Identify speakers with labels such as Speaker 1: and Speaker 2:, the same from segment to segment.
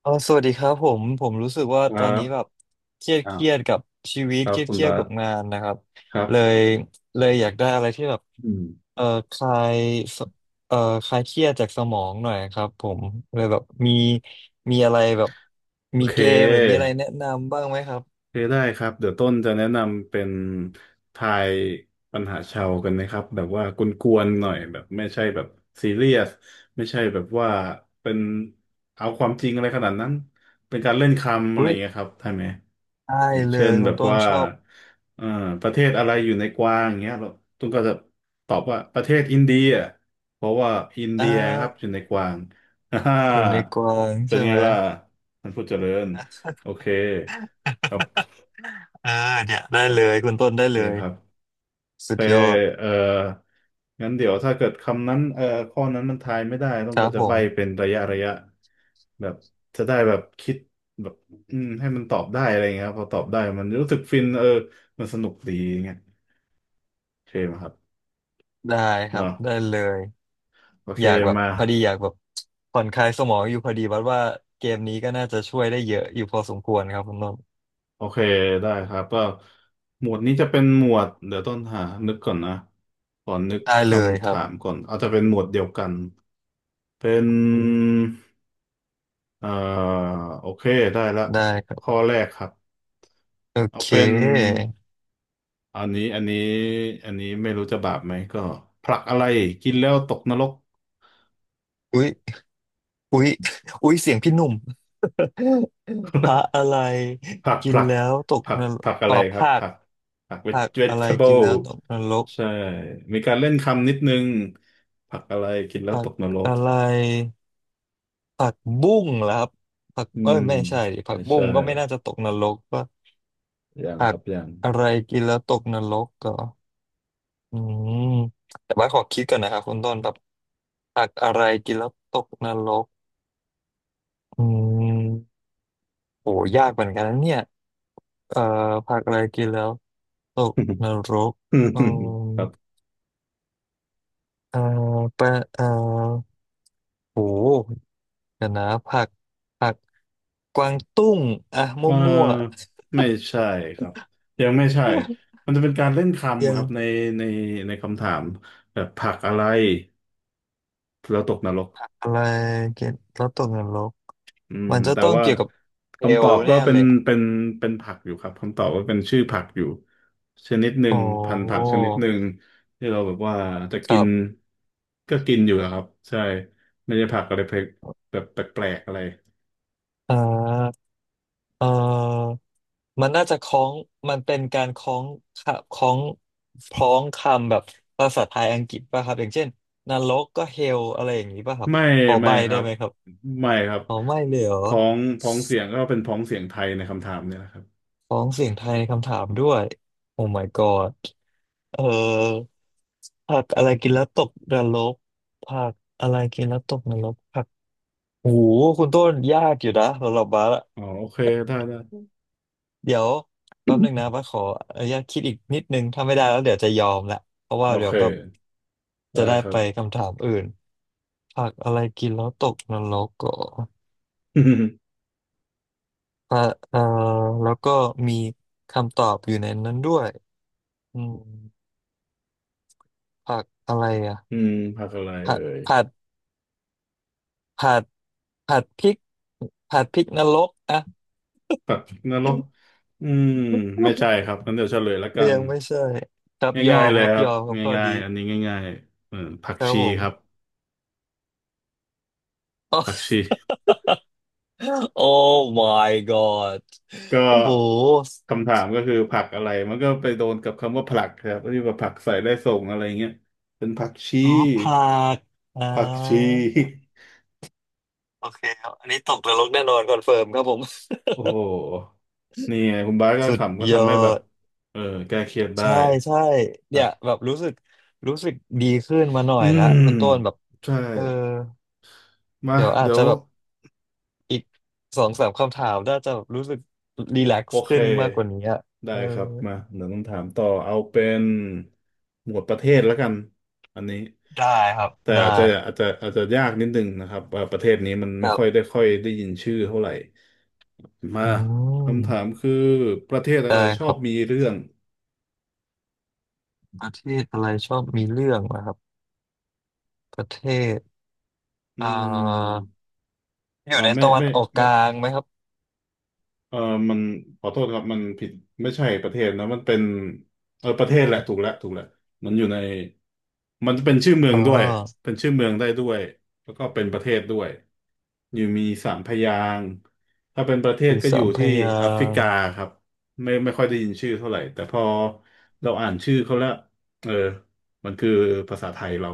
Speaker 1: สวัสดีครับผมรู้สึกว่า
Speaker 2: ค
Speaker 1: ต
Speaker 2: รั
Speaker 1: อนนี้
Speaker 2: บ
Speaker 1: แบบเครียด
Speaker 2: อ้า
Speaker 1: เค
Speaker 2: ว
Speaker 1: รียดกับชีวิต
Speaker 2: ครั
Speaker 1: เค
Speaker 2: บ
Speaker 1: รียด
Speaker 2: คุณ
Speaker 1: เครียด
Speaker 2: บา
Speaker 1: กับงา
Speaker 2: ส
Speaker 1: นนะครับ
Speaker 2: ครั
Speaker 1: เลย
Speaker 2: บ
Speaker 1: เลยอยากได้อะไรที่แบบ
Speaker 2: อืม
Speaker 1: เออคลายสเออคลายเครียดจากสมองหน่อยครับผมเลยแบบมีอะไรแบบ
Speaker 2: โอ
Speaker 1: มี
Speaker 2: เค
Speaker 1: เกมหรือมีอะไรแนะนำบ้างไหมครับ
Speaker 2: โอเคได้ครับ เดี๋ยวต้นจะแนะนำเป็นทายปัญหาชาวกันนะครับแบบว่ากวนๆหน่อยแบบไม่ใช่แบบซีเรียส ไม่ใช่แบบว่าเป็นเอาความจริงอะไรขนาดนั้น เป็นการเล่นคำอะไร
Speaker 1: อุ้
Speaker 2: อ
Speaker 1: ย
Speaker 2: ย่างเงี้ยครับได้ไหม
Speaker 1: ได้
Speaker 2: อย่าง
Speaker 1: เล
Speaker 2: เช่น
Speaker 1: ยคุ
Speaker 2: แบ
Speaker 1: ณ
Speaker 2: บ
Speaker 1: ต้น
Speaker 2: ว่า
Speaker 1: ชอบ
Speaker 2: เอ่อประเทศอะไรอยู่ในกวางอย่างเงี้ยเราตุ้มก็จะตอบว่าประเทศอินเดียเพราะว่าอิน
Speaker 1: อ่
Speaker 2: เดียครับอยู่
Speaker 1: า
Speaker 2: ในกวาง อ่าฮ่า
Speaker 1: อยู่ในกวาง
Speaker 2: เป็น
Speaker 1: ใช่
Speaker 2: ไง
Speaker 1: ไหม
Speaker 2: ล่ะท่านผู้เจริญโอเคครับ
Speaker 1: เออเนี่ยได้เลยคุณต้น
Speaker 2: โอ
Speaker 1: ได้
Speaker 2: เค
Speaker 1: เลย
Speaker 2: ครับ
Speaker 1: สุด
Speaker 2: แต่
Speaker 1: ยอด
Speaker 2: เอ่องั้นเดี๋ยวถ้าเกิดคำนั้นข้อนั้นมันทายไม่ได้ต้อง
Speaker 1: ครั
Speaker 2: ก็
Speaker 1: บ
Speaker 2: จะ
Speaker 1: ผ
Speaker 2: ใบ้
Speaker 1: ม
Speaker 2: เป็นระยะแบบจะได้แบบคิดแบบอืมให้มันตอบได้อะไรเงี้ยครับพอตอบได้มันรู้สึกฟินเออมันสนุกดีเงี้ย เคไหมครับ
Speaker 1: ได้ครับ
Speaker 2: เนาะ
Speaker 1: ได้เลย
Speaker 2: โอเค
Speaker 1: อยากแบบ
Speaker 2: มา
Speaker 1: พอดีอยากแบบผ่อนคลายสมองอยู่พอดีวัดว่าเกมนี้ก็น่าจะช่วยได้เยอะอยู่พอสมควรครับคุณนนท์
Speaker 2: โอเคได้ครับก็หมวดนี้จะเป็นหมวดเดี๋ยวต้นหานึกก่อนนะก่อนนึก
Speaker 1: ได้
Speaker 2: ค
Speaker 1: เลย
Speaker 2: ำ
Speaker 1: ครั
Speaker 2: ถาม
Speaker 1: บ
Speaker 2: ก่อนอาจจะเป็นหมวดเดียวกันเป็น
Speaker 1: อืม
Speaker 2: เอ่อโอเคได้ละ
Speaker 1: ได้ครับ
Speaker 2: ข้อแรกครับ
Speaker 1: โอ
Speaker 2: เอา
Speaker 1: เค
Speaker 2: เป็นอันนี้อันนี้ไม่รู้จะบาปไหมก็ผลักอะไรกินแล้วตกนรก
Speaker 1: อุ๊ยอุ๊ยอุ๊ยเสียงพี่หนุ่ม พระ อะไร
Speaker 2: ผัก
Speaker 1: กิน
Speaker 2: ผัก
Speaker 1: แล้วตก
Speaker 2: ผัก
Speaker 1: นรก
Speaker 2: ผักอะ
Speaker 1: อ๋
Speaker 2: ไร
Speaker 1: อ
Speaker 2: ครับ
Speaker 1: ผัก
Speaker 2: ผัก
Speaker 1: ผักอะไรกิน
Speaker 2: vegetable
Speaker 1: แล้วตกนรก
Speaker 2: ใช่มีการเล่นคำนิดนึงผักอะไรกินแล้ว
Speaker 1: ผั
Speaker 2: ต
Speaker 1: ก
Speaker 2: กนรก
Speaker 1: อะไรผักบุ้งเหรอครับผัก
Speaker 2: อื
Speaker 1: เอ้
Speaker 2: ม
Speaker 1: ยไม่ใช่ดิผั
Speaker 2: ไม่
Speaker 1: กบุ้
Speaker 2: ใช่
Speaker 1: งก็ไม่น่าจะตกนรกว่า
Speaker 2: ยัง
Speaker 1: ผั
Speaker 2: ค
Speaker 1: ก
Speaker 2: รับยัง
Speaker 1: อะไรกินแล้วตกนรกก็ อืมแต่ว่าขอคิดก่อนนะครับคุณต้นแบบผักอะไรกินแล้วตกนรกอืมโหยากเหมือนกันนะเนี่ยเอ่อผักอะไรกินแล้วตกนรก
Speaker 2: อืม
Speaker 1: อืม
Speaker 2: ครับ
Speaker 1: เอ่อปะเอ่อโหเดี๋ยวนะผักผักกวางตุ้งอ่ะม
Speaker 2: เอ่
Speaker 1: ั่ว
Speaker 2: าไม่ใช่ครับยังไม่ใช่
Speaker 1: ๆ
Speaker 2: มันจะเป็นการเล่น
Speaker 1: ยั
Speaker 2: คำครับใน
Speaker 1: ง
Speaker 2: ในในคำถามแบบผักอะไรแล้วตกนรก
Speaker 1: อะไรกินแล้วตกนรก
Speaker 2: อืม
Speaker 1: มันจะ
Speaker 2: แต่
Speaker 1: ต้อง
Speaker 2: ว่า
Speaker 1: เกี่ยวกับเอ
Speaker 2: คำต
Speaker 1: ล
Speaker 2: อบก็
Speaker 1: แน่
Speaker 2: เป็
Speaker 1: เล
Speaker 2: น
Speaker 1: ยอะ
Speaker 2: เป็นเป็นผักอยู่ครับคำตอบก็เป็นชื่อผักอยู่ชนิดหนึ่
Speaker 1: อ๋อ
Speaker 2: งพันธุ์ผักชนิดหนึ่งที่เราแบบว่าจะ
Speaker 1: ค
Speaker 2: กิ
Speaker 1: รั
Speaker 2: น
Speaker 1: บ
Speaker 2: ก็กินอยู่อะครับใช่ไม่ใช่ผักอะไรแปลกแบบแปลกๆอะไร
Speaker 1: อ่าเออ มันน่าจะคล้องมันเป็นการคล้องค่ะคล้องคำแบบภาษาไทยอังกฤษป่ะครับ อย่างเช่นนรกก็เฮลอะไรอย่างนี้ป่ะครับ
Speaker 2: ไม่
Speaker 1: พอใบ
Speaker 2: ไม่ค
Speaker 1: ได้
Speaker 2: รับ
Speaker 1: ไหมครับ
Speaker 2: ไม่ครับ
Speaker 1: อ๋อไม่เลยเหรอ
Speaker 2: พ้องเสียงก็เป็นพ้องเสียงไทยในคำถามเนี่ยนะครับ
Speaker 1: คล้องเสียงไทยในคำถามด้วยโอ้ my god เออผักอะไรกินแล้วตกนรกผักอะไรกินแล้วตกนรกผักโอ้หคุณต้นยากอยู่นะสำหรับบาสอะ
Speaker 2: อ๋อโอเคได้
Speaker 1: เดี๋ยวแป๊บหนึ่งนะ ว่าขออนุญาตคิดอีกนิดนึงถ้าไม่ได้แล้วเดี๋ยวจะยอมละเพราะว่า
Speaker 2: โอ
Speaker 1: เดี๋ย
Speaker 2: เค
Speaker 1: วแบบ
Speaker 2: ได้
Speaker 1: จะได้
Speaker 2: ครั
Speaker 1: ไป
Speaker 2: บ
Speaker 1: คำถามอื่นผักอะไรกินแล้วตกนรกก็ เอ่อเอ่อแล้วก็มีคำตอบอยู่ในนั้นด้วยอืมผักอะไรอ่ะ
Speaker 2: อืมผักอะไร
Speaker 1: ผั
Speaker 2: เอ่
Speaker 1: ด
Speaker 2: ย
Speaker 1: ผัดผัดผัดพริกผัดพริกนรกอ่ะ
Speaker 2: สัตว์นรกอืมไม่ใช่ครับงั้นเดี๋ยวเฉลยละกั น
Speaker 1: ยังไม่ใช่ครับยอ
Speaker 2: ง่าย
Speaker 1: ม
Speaker 2: ๆเล
Speaker 1: ค
Speaker 2: ย
Speaker 1: รับ
Speaker 2: ครั
Speaker 1: ย
Speaker 2: บ
Speaker 1: อมครับข้อ
Speaker 2: ง่า
Speaker 1: ดี
Speaker 2: ยๆอันนี้ง่ายๆเออผัก
Speaker 1: ครับ
Speaker 2: ชี
Speaker 1: ผ
Speaker 2: ครับ
Speaker 1: มเอ
Speaker 2: ผัก
Speaker 1: อ
Speaker 2: ชี
Speaker 1: โอ้ my god
Speaker 2: ก็
Speaker 1: โอ้โห
Speaker 2: คำถามก็คือผักอะไรมันก็ไปโดนกับคำว่าผลักครับที่ว่าผักใส่ได้ส่งอะไรเงี้ยเป็นผักชี
Speaker 1: อ๋อพลากอ่
Speaker 2: ผักชี
Speaker 1: าโอเคครับอันนี้ตกนรกแน่นอนคอนเฟิร์มครับผม
Speaker 2: โอ้โห นี่ไงคุณบาสก็
Speaker 1: สุด
Speaker 2: ขำก็
Speaker 1: ยอ
Speaker 2: ทำให้แบบ
Speaker 1: ด
Speaker 2: เออแก้เครียดได้
Speaker 1: ใช่ใช่
Speaker 2: ค
Speaker 1: เนี่
Speaker 2: รั
Speaker 1: ย
Speaker 2: บ
Speaker 1: แบบรู้สึก รู้สึกดีขึ้นมาหน่อ
Speaker 2: อื
Speaker 1: ยละ
Speaker 2: ม
Speaker 1: คุณต้นแบบ
Speaker 2: ใช่
Speaker 1: เออ
Speaker 2: มา
Speaker 1: เดี๋ยวอาจ
Speaker 2: เดี๋ย
Speaker 1: จะ
Speaker 2: ว
Speaker 1: แบบอีกสองสามคำถามน่าจะแบบรู้สึกรีแลก
Speaker 2: โอ
Speaker 1: ซ์
Speaker 2: เค
Speaker 1: ขึ้นมากกว่านี้อะเอ
Speaker 2: ได้
Speaker 1: อ
Speaker 2: ครับมาเดี๋ยวต้องถามต่อเอาเป็นหมวดประเทศแล้วกันอันนี้
Speaker 1: ได้ครับ
Speaker 2: แต่
Speaker 1: ได้
Speaker 2: อาจจะอาจจะยากนิดนึงนะครับว่าประเทศนี้มัน
Speaker 1: ค
Speaker 2: ไม่
Speaker 1: รั
Speaker 2: ค่อยได้
Speaker 1: บ
Speaker 2: ค่อยได้ยินชื่อเท่าไหร่
Speaker 1: อื
Speaker 2: มาคำถาม
Speaker 1: ม
Speaker 2: คือประเทศอะ
Speaker 1: ได้
Speaker 2: ไรช
Speaker 1: ค
Speaker 2: อ
Speaker 1: รั
Speaker 2: บ
Speaker 1: บ
Speaker 2: มีเรื่อง
Speaker 1: ประเทศอะไรชอบมีเรื่องนะครับ ประเทศ
Speaker 2: อื
Speaker 1: อ่า
Speaker 2: ม
Speaker 1: อยู่
Speaker 2: อ่า
Speaker 1: ใน
Speaker 2: ไม่
Speaker 1: ตะวัน
Speaker 2: ไม่
Speaker 1: ออกก
Speaker 2: ไม่
Speaker 1: ลางไหมครับ
Speaker 2: เออมันขอโทษครับมันผิดไม่ใช่ประเทศนะมันเป็นเออประเทศแหละถูกแล้วมันอยู่ในมันจะเป็นชื่อเมือ
Speaker 1: อ่
Speaker 2: งด้วย
Speaker 1: า
Speaker 2: เป็นชื่อเมืองได้ด้วย แล้วก็เป็นประเทศด้วยอยู่มีสามพยางค์ถ้าเป็นประเท
Speaker 1: อ
Speaker 2: ศ
Speaker 1: ยู่
Speaker 2: ก็อ
Speaker 1: สา
Speaker 2: ยู่
Speaker 1: มพ
Speaker 2: ที่
Speaker 1: ยา
Speaker 2: แอฟริ
Speaker 1: ง
Speaker 2: กา
Speaker 1: ค์
Speaker 2: ครับไม่ไม่ค่อยได้ยินชื่อเท่าไหร่ แต่พอเราอ่านชื่อเขาแล้วเออ มันคือภาษาไทยเรา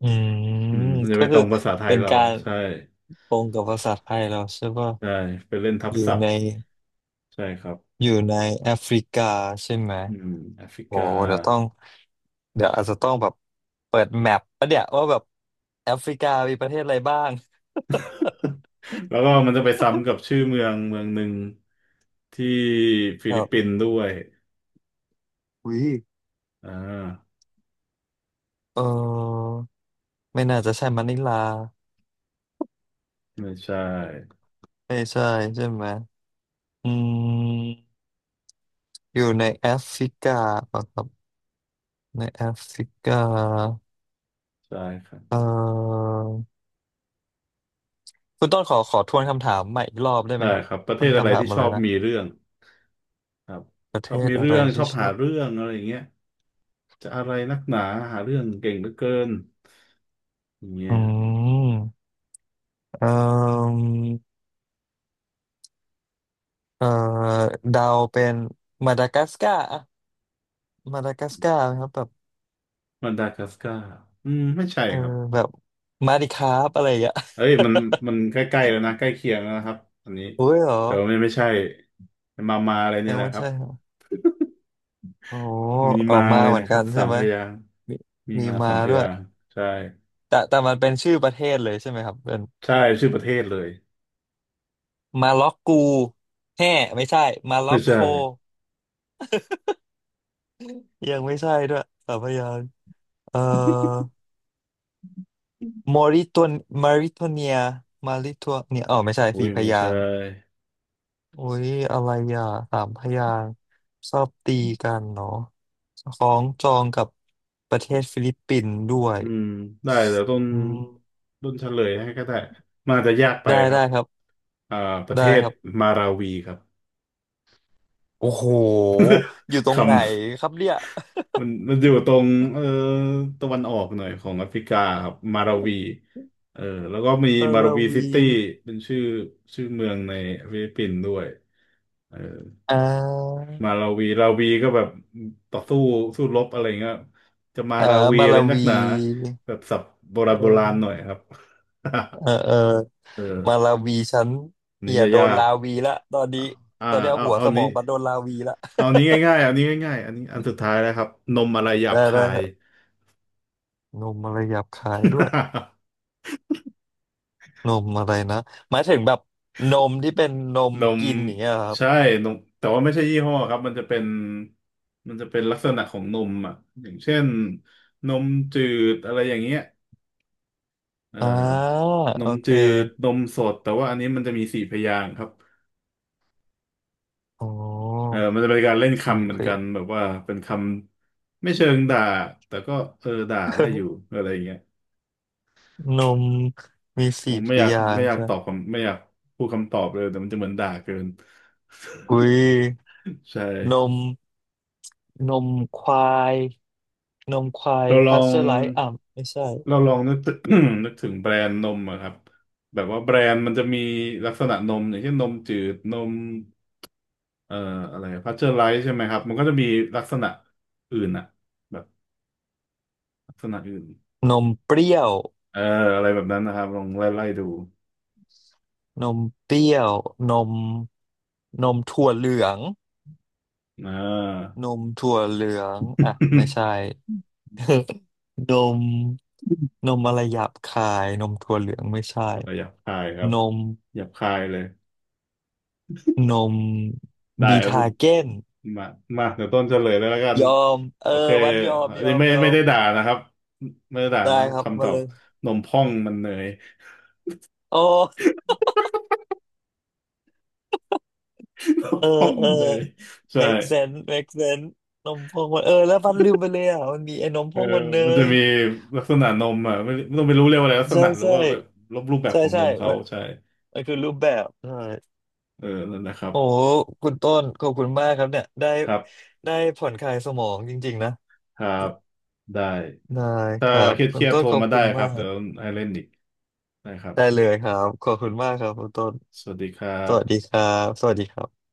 Speaker 1: อืม
Speaker 2: อืมมันจะ
Speaker 1: ก็
Speaker 2: ไปต
Speaker 1: คื
Speaker 2: ร
Speaker 1: อ
Speaker 2: งภาษาไทย
Speaker 1: เป็น
Speaker 2: เรา
Speaker 1: การ
Speaker 2: ใช่
Speaker 1: ตรงกับภาษาไทยเราใช่ป่ะ
Speaker 2: ใช่ไปเล่นทับ
Speaker 1: อยู่
Speaker 2: ศัพ
Speaker 1: ใน
Speaker 2: ท์ใช่ครับ
Speaker 1: อยู่ในแอฟริกาใช่ไหม
Speaker 2: อืมแอฟริ
Speaker 1: โอ้
Speaker 2: กา
Speaker 1: เดี๋ยวต้องเดี๋ยวอาจจะต้องแบบเปิดแมปปะเนี่ยว่าแบบแอฟริกามีประเทศอะไรบ้าง
Speaker 2: แล้วก็มันจะไปซ้ำกับ ชื่อเมืองหนึ่งที่ฟิ
Speaker 1: ครั
Speaker 2: ลิป
Speaker 1: บ
Speaker 2: ปิ นส์ด้วย
Speaker 1: วิ
Speaker 2: อ่า
Speaker 1: เออไม่น่าจะใช่มะนิลา
Speaker 2: ไม่ใช่
Speaker 1: ไม่ใช่ใช่ไหมอืม อยู่ในแอฟริกาเปล่าครับในแอฟริกา
Speaker 2: ใช่ครับ
Speaker 1: เอ่อคุณต้นขอทวนคำถามใหม่อีกรอบได้ไหม
Speaker 2: ได้
Speaker 1: ครับ
Speaker 2: ครับ ประเท
Speaker 1: มัน
Speaker 2: ศอะไร
Speaker 1: คำถาม
Speaker 2: ที่ช
Speaker 1: มาเล
Speaker 2: อ
Speaker 1: ย
Speaker 2: บ
Speaker 1: นะ
Speaker 2: มีเรื่องครับ
Speaker 1: ประ
Speaker 2: ช
Speaker 1: เท
Speaker 2: อบ
Speaker 1: ศ
Speaker 2: มี
Speaker 1: อะ
Speaker 2: เรื่
Speaker 1: ไร
Speaker 2: องชอ
Speaker 1: ที่
Speaker 2: บ
Speaker 1: ช
Speaker 2: หา
Speaker 1: อบ
Speaker 2: เรื่องอะไรอย่างเงี้ยจะอะไรนักหนาหาเรื่องเก่งเหลือเกินอย่างเงี้ย
Speaker 1: อืมเอ่อเอ่อดาวเป็นมาดากัสการ์อะมาดากัสการ์ไหมครับแบบ
Speaker 2: มันดากัสการ์อืมไม่ใช่
Speaker 1: เออ
Speaker 2: ครับ
Speaker 1: แบบมาดิคาบอะไรอย่างเงี้ย
Speaker 2: เอ้ยมันใกล้ๆแล้วนะ ใกล้เคียงแล้วนะครับอันนี้
Speaker 1: อุ้ยเหรอ
Speaker 2: แต่ว่าไม่ใช่มาอะไรนี่
Speaker 1: ยัง
Speaker 2: แหละ
Speaker 1: ไม่
Speaker 2: ครับ
Speaker 1: ใช่เหรอโอ้
Speaker 2: มี
Speaker 1: ออ
Speaker 2: มา
Speaker 1: กมา
Speaker 2: เลย
Speaker 1: เหมือ
Speaker 2: นะ
Speaker 1: น
Speaker 2: ค
Speaker 1: กั
Speaker 2: รับ
Speaker 1: น
Speaker 2: สา
Speaker 1: ใช่
Speaker 2: ม
Speaker 1: ไหม
Speaker 2: พยางค์
Speaker 1: มี
Speaker 2: มี
Speaker 1: มี
Speaker 2: มา
Speaker 1: มา
Speaker 2: สามพ
Speaker 1: ด้ว
Speaker 2: ยา
Speaker 1: ย
Speaker 2: งค์ใช่
Speaker 1: แต่มันเป็นชื่อประเทศเลยใช่ไหมครับเป็น
Speaker 2: ใช่ชื่อประเทศเลย
Speaker 1: มาล็อกกูแห่ไม่ใช่มาล็อ
Speaker 2: ไม่
Speaker 1: กโค
Speaker 2: ใช่
Speaker 1: ยังไม่ใช่ด้วยสามพยางค์เอ่อมอริตัวนมาริโทเนียมาริทัวเนียอ๋อไม่ใช่
Speaker 2: อุ้
Speaker 1: สี่
Speaker 2: ย
Speaker 1: พ
Speaker 2: ไม่
Speaker 1: ยา
Speaker 2: ใช่
Speaker 1: งค์โอ้ยอะไรอ่ะสามพยางค์ชอบตีกันเนาะของจองกับประเทศฟิลิปปินส์ด้วย
Speaker 2: อืมได้เดี๋ยวต้น
Speaker 1: อืม
Speaker 2: ต้นเฉลยให้ก็ได้มาจจะยากไป
Speaker 1: ได้
Speaker 2: ครั
Speaker 1: ได้
Speaker 2: บ
Speaker 1: ครับ
Speaker 2: อ่าประเท
Speaker 1: ได้
Speaker 2: ศ
Speaker 1: ครับ
Speaker 2: มาราวีครับ
Speaker 1: โอ้โหอยู่ตรง
Speaker 2: คำ
Speaker 1: ไหนครับเนี่ย
Speaker 2: มันอยู่ตรงเออตะวันออกหน่อยของแอฟริกาครับมาราวีเออแล้วก็มี
Speaker 1: มา
Speaker 2: มารา
Speaker 1: ลา
Speaker 2: วีซิ
Speaker 1: วี
Speaker 2: ตี้เป็นชื่อเมืองในฟิลิปปินส์ด้วยเออ
Speaker 1: อ่า
Speaker 2: มาลาวีลาวีก็แบบต่อสู้สู้รบอะไรเงี้ยจะมา
Speaker 1: อ่า
Speaker 2: ลาวี
Speaker 1: มา
Speaker 2: อะไร
Speaker 1: ลา
Speaker 2: นัก
Speaker 1: วี
Speaker 2: หนาแบบศัพท์โบ
Speaker 1: เ
Speaker 2: ราณโบราณหน่อย
Speaker 1: ออ
Speaker 2: ครับ
Speaker 1: เออเออ มา
Speaker 2: เออ
Speaker 1: ลาวีฉัน
Speaker 2: อันนี้
Speaker 1: เหี่ย
Speaker 2: จะ
Speaker 1: โดน
Speaker 2: ยาก
Speaker 1: ลาวีละตอนนี้
Speaker 2: อ่า
Speaker 1: ตอนเนี้ย
Speaker 2: เอา
Speaker 1: หัวสมองบัดโดนลาวีละ
Speaker 2: เอานี้ง่ายๆเอานี้ง่ายๆอันนี้อันสุดท้ายแล้วครับนมอะไรหยา
Speaker 1: ได้
Speaker 2: บ
Speaker 1: ได้
Speaker 2: คา
Speaker 1: ค
Speaker 2: ย
Speaker 1: รับนมอะไรหยาบคายด้วยนมอะไรนะหมายถึงแบบนมที่เป็นนม
Speaker 2: นม
Speaker 1: กินอย่างเงี้ยเหรอครับ
Speaker 2: ใช่นมแต่ว่าไม่ใช่ยี่ห้อครับมันจะเป็นลักษณะของนมอ่ะอย่างเช่นนมจืดอะไรอย่างเงี้ย เอ่อ
Speaker 1: อ่า
Speaker 2: น
Speaker 1: โอ
Speaker 2: ม
Speaker 1: เค
Speaker 2: จืดนมสดแต่ว่าอันนี้มันจะมีสี่พยางค์ครับ
Speaker 1: โอ้
Speaker 2: เออมันจะเป็นการเล่น
Speaker 1: สี่
Speaker 2: คำเหมื
Speaker 1: เพ
Speaker 2: อน
Speaker 1: ย
Speaker 2: กันแบบว่าเป็นคำไม่เชิงด่าแต่ก็เออด่าได้อยู่อะไรอย่างเงี้ย
Speaker 1: นมมี
Speaker 2: ผ
Speaker 1: สี่
Speaker 2: ม
Speaker 1: พ
Speaker 2: ไม่อยาก
Speaker 1: ยา
Speaker 2: ไม่
Speaker 1: ง
Speaker 2: อ
Speaker 1: ค์
Speaker 2: ยาก
Speaker 1: ใช่ไห
Speaker 2: ต
Speaker 1: ม
Speaker 2: อบคำไม่อยากพูดคำตอบเลยแต่มันจะเหมือนด่าเกิน
Speaker 1: อุ้ย
Speaker 2: ใช่
Speaker 1: นมนมควายนมควาย
Speaker 2: เราล
Speaker 1: พา
Speaker 2: อ
Speaker 1: สเจ
Speaker 2: ง
Speaker 1: อร์ไลซ์อ่ะไม่ใช่
Speaker 2: เราลองนึกถึง นึกถึงแบรนด์นมอะครับแบบว่าแบรนด์มันจะมีลักษณะนมอย่างเช่นนมจืดนมเอ่ออะไรพาสเจอร์ไรส์ใช่ไหมครับมันก็จะมีลักษณะอื่นอะแบบ ลักษณะอื่น
Speaker 1: นมเปรี้ยว
Speaker 2: เอออะไรแบบนั้นนะครับลองไล่ดู
Speaker 1: นมเปรี้ยวนมนมถั่วเหลือง
Speaker 2: อ่า
Speaker 1: นมถั่วเหลืองอ่ะไม่ใช่ นมนมอะไรหยาบคายนมถั่วเหลืองไม่ใช่
Speaker 2: อะไรหยาบคายครับ
Speaker 1: นม
Speaker 2: หยาบคายเลย
Speaker 1: นม
Speaker 2: ได้
Speaker 1: บี
Speaker 2: ครับ
Speaker 1: ทาเก้น
Speaker 2: มามาเดี๋ยวต้นเฉลยเลยแล้วกัน
Speaker 1: ยอมเออ
Speaker 2: โอเค
Speaker 1: วัดยอม
Speaker 2: อัน
Speaker 1: ย
Speaker 2: นี้
Speaker 1: อม
Speaker 2: ไม่
Speaker 1: ยอ
Speaker 2: ไม่
Speaker 1: ม
Speaker 2: ได้ด่านะครับไม่ได้ด่า
Speaker 1: ได้
Speaker 2: นะ
Speaker 1: ครับ
Speaker 2: คำต
Speaker 1: มา
Speaker 2: อ
Speaker 1: เล
Speaker 2: บ
Speaker 1: ย
Speaker 2: นมพ่องมันเนย
Speaker 1: โอ้
Speaker 2: นม
Speaker 1: เออ
Speaker 2: พ่อง
Speaker 1: เออ
Speaker 2: มันเนยใช่
Speaker 1: make sense make sense นมพองมันแล้ววัดลืมไปเลยอ่ะมันมีไอ้นมพ
Speaker 2: เออ
Speaker 1: องมันเน
Speaker 2: มันจะ
Speaker 1: ย
Speaker 2: มีลักษณะนมอ่ะไม่ต้องไปรู้เรียกว่าอะไรลักษ
Speaker 1: ใช่
Speaker 2: ณะหรือ
Speaker 1: ใช่
Speaker 2: ว่าแบบรูปแบบ
Speaker 1: ใช่
Speaker 2: ของน
Speaker 1: ใช่
Speaker 2: มเขา
Speaker 1: มัน
Speaker 2: ใช่
Speaker 1: มันคือรูปแบบใช่
Speaker 2: เออนั่นนะครับ
Speaker 1: โอ้โหคุณต้นขอบคุณมากครับเนี่ยได้
Speaker 2: ครับ
Speaker 1: ได้ผ่อนคลายสมองจริงๆนะ
Speaker 2: ครับได้
Speaker 1: ได้ค
Speaker 2: ถ้า
Speaker 1: รับ
Speaker 2: เค
Speaker 1: คุณ
Speaker 2: รียดๆ
Speaker 1: ต้น
Speaker 2: โทร
Speaker 1: ขอบ
Speaker 2: มา
Speaker 1: คุ
Speaker 2: ได้
Speaker 1: ณ
Speaker 2: ค
Speaker 1: มา
Speaker 2: รับเดี๋ยว
Speaker 1: ก
Speaker 2: ให้เล่นอีกนะครับ
Speaker 1: ได้เลยครับ ขอบคุณมากครับคุณต้น
Speaker 2: สวัสดีครั
Speaker 1: สวัสดี
Speaker 2: บ
Speaker 1: ครับสวัสดีครับ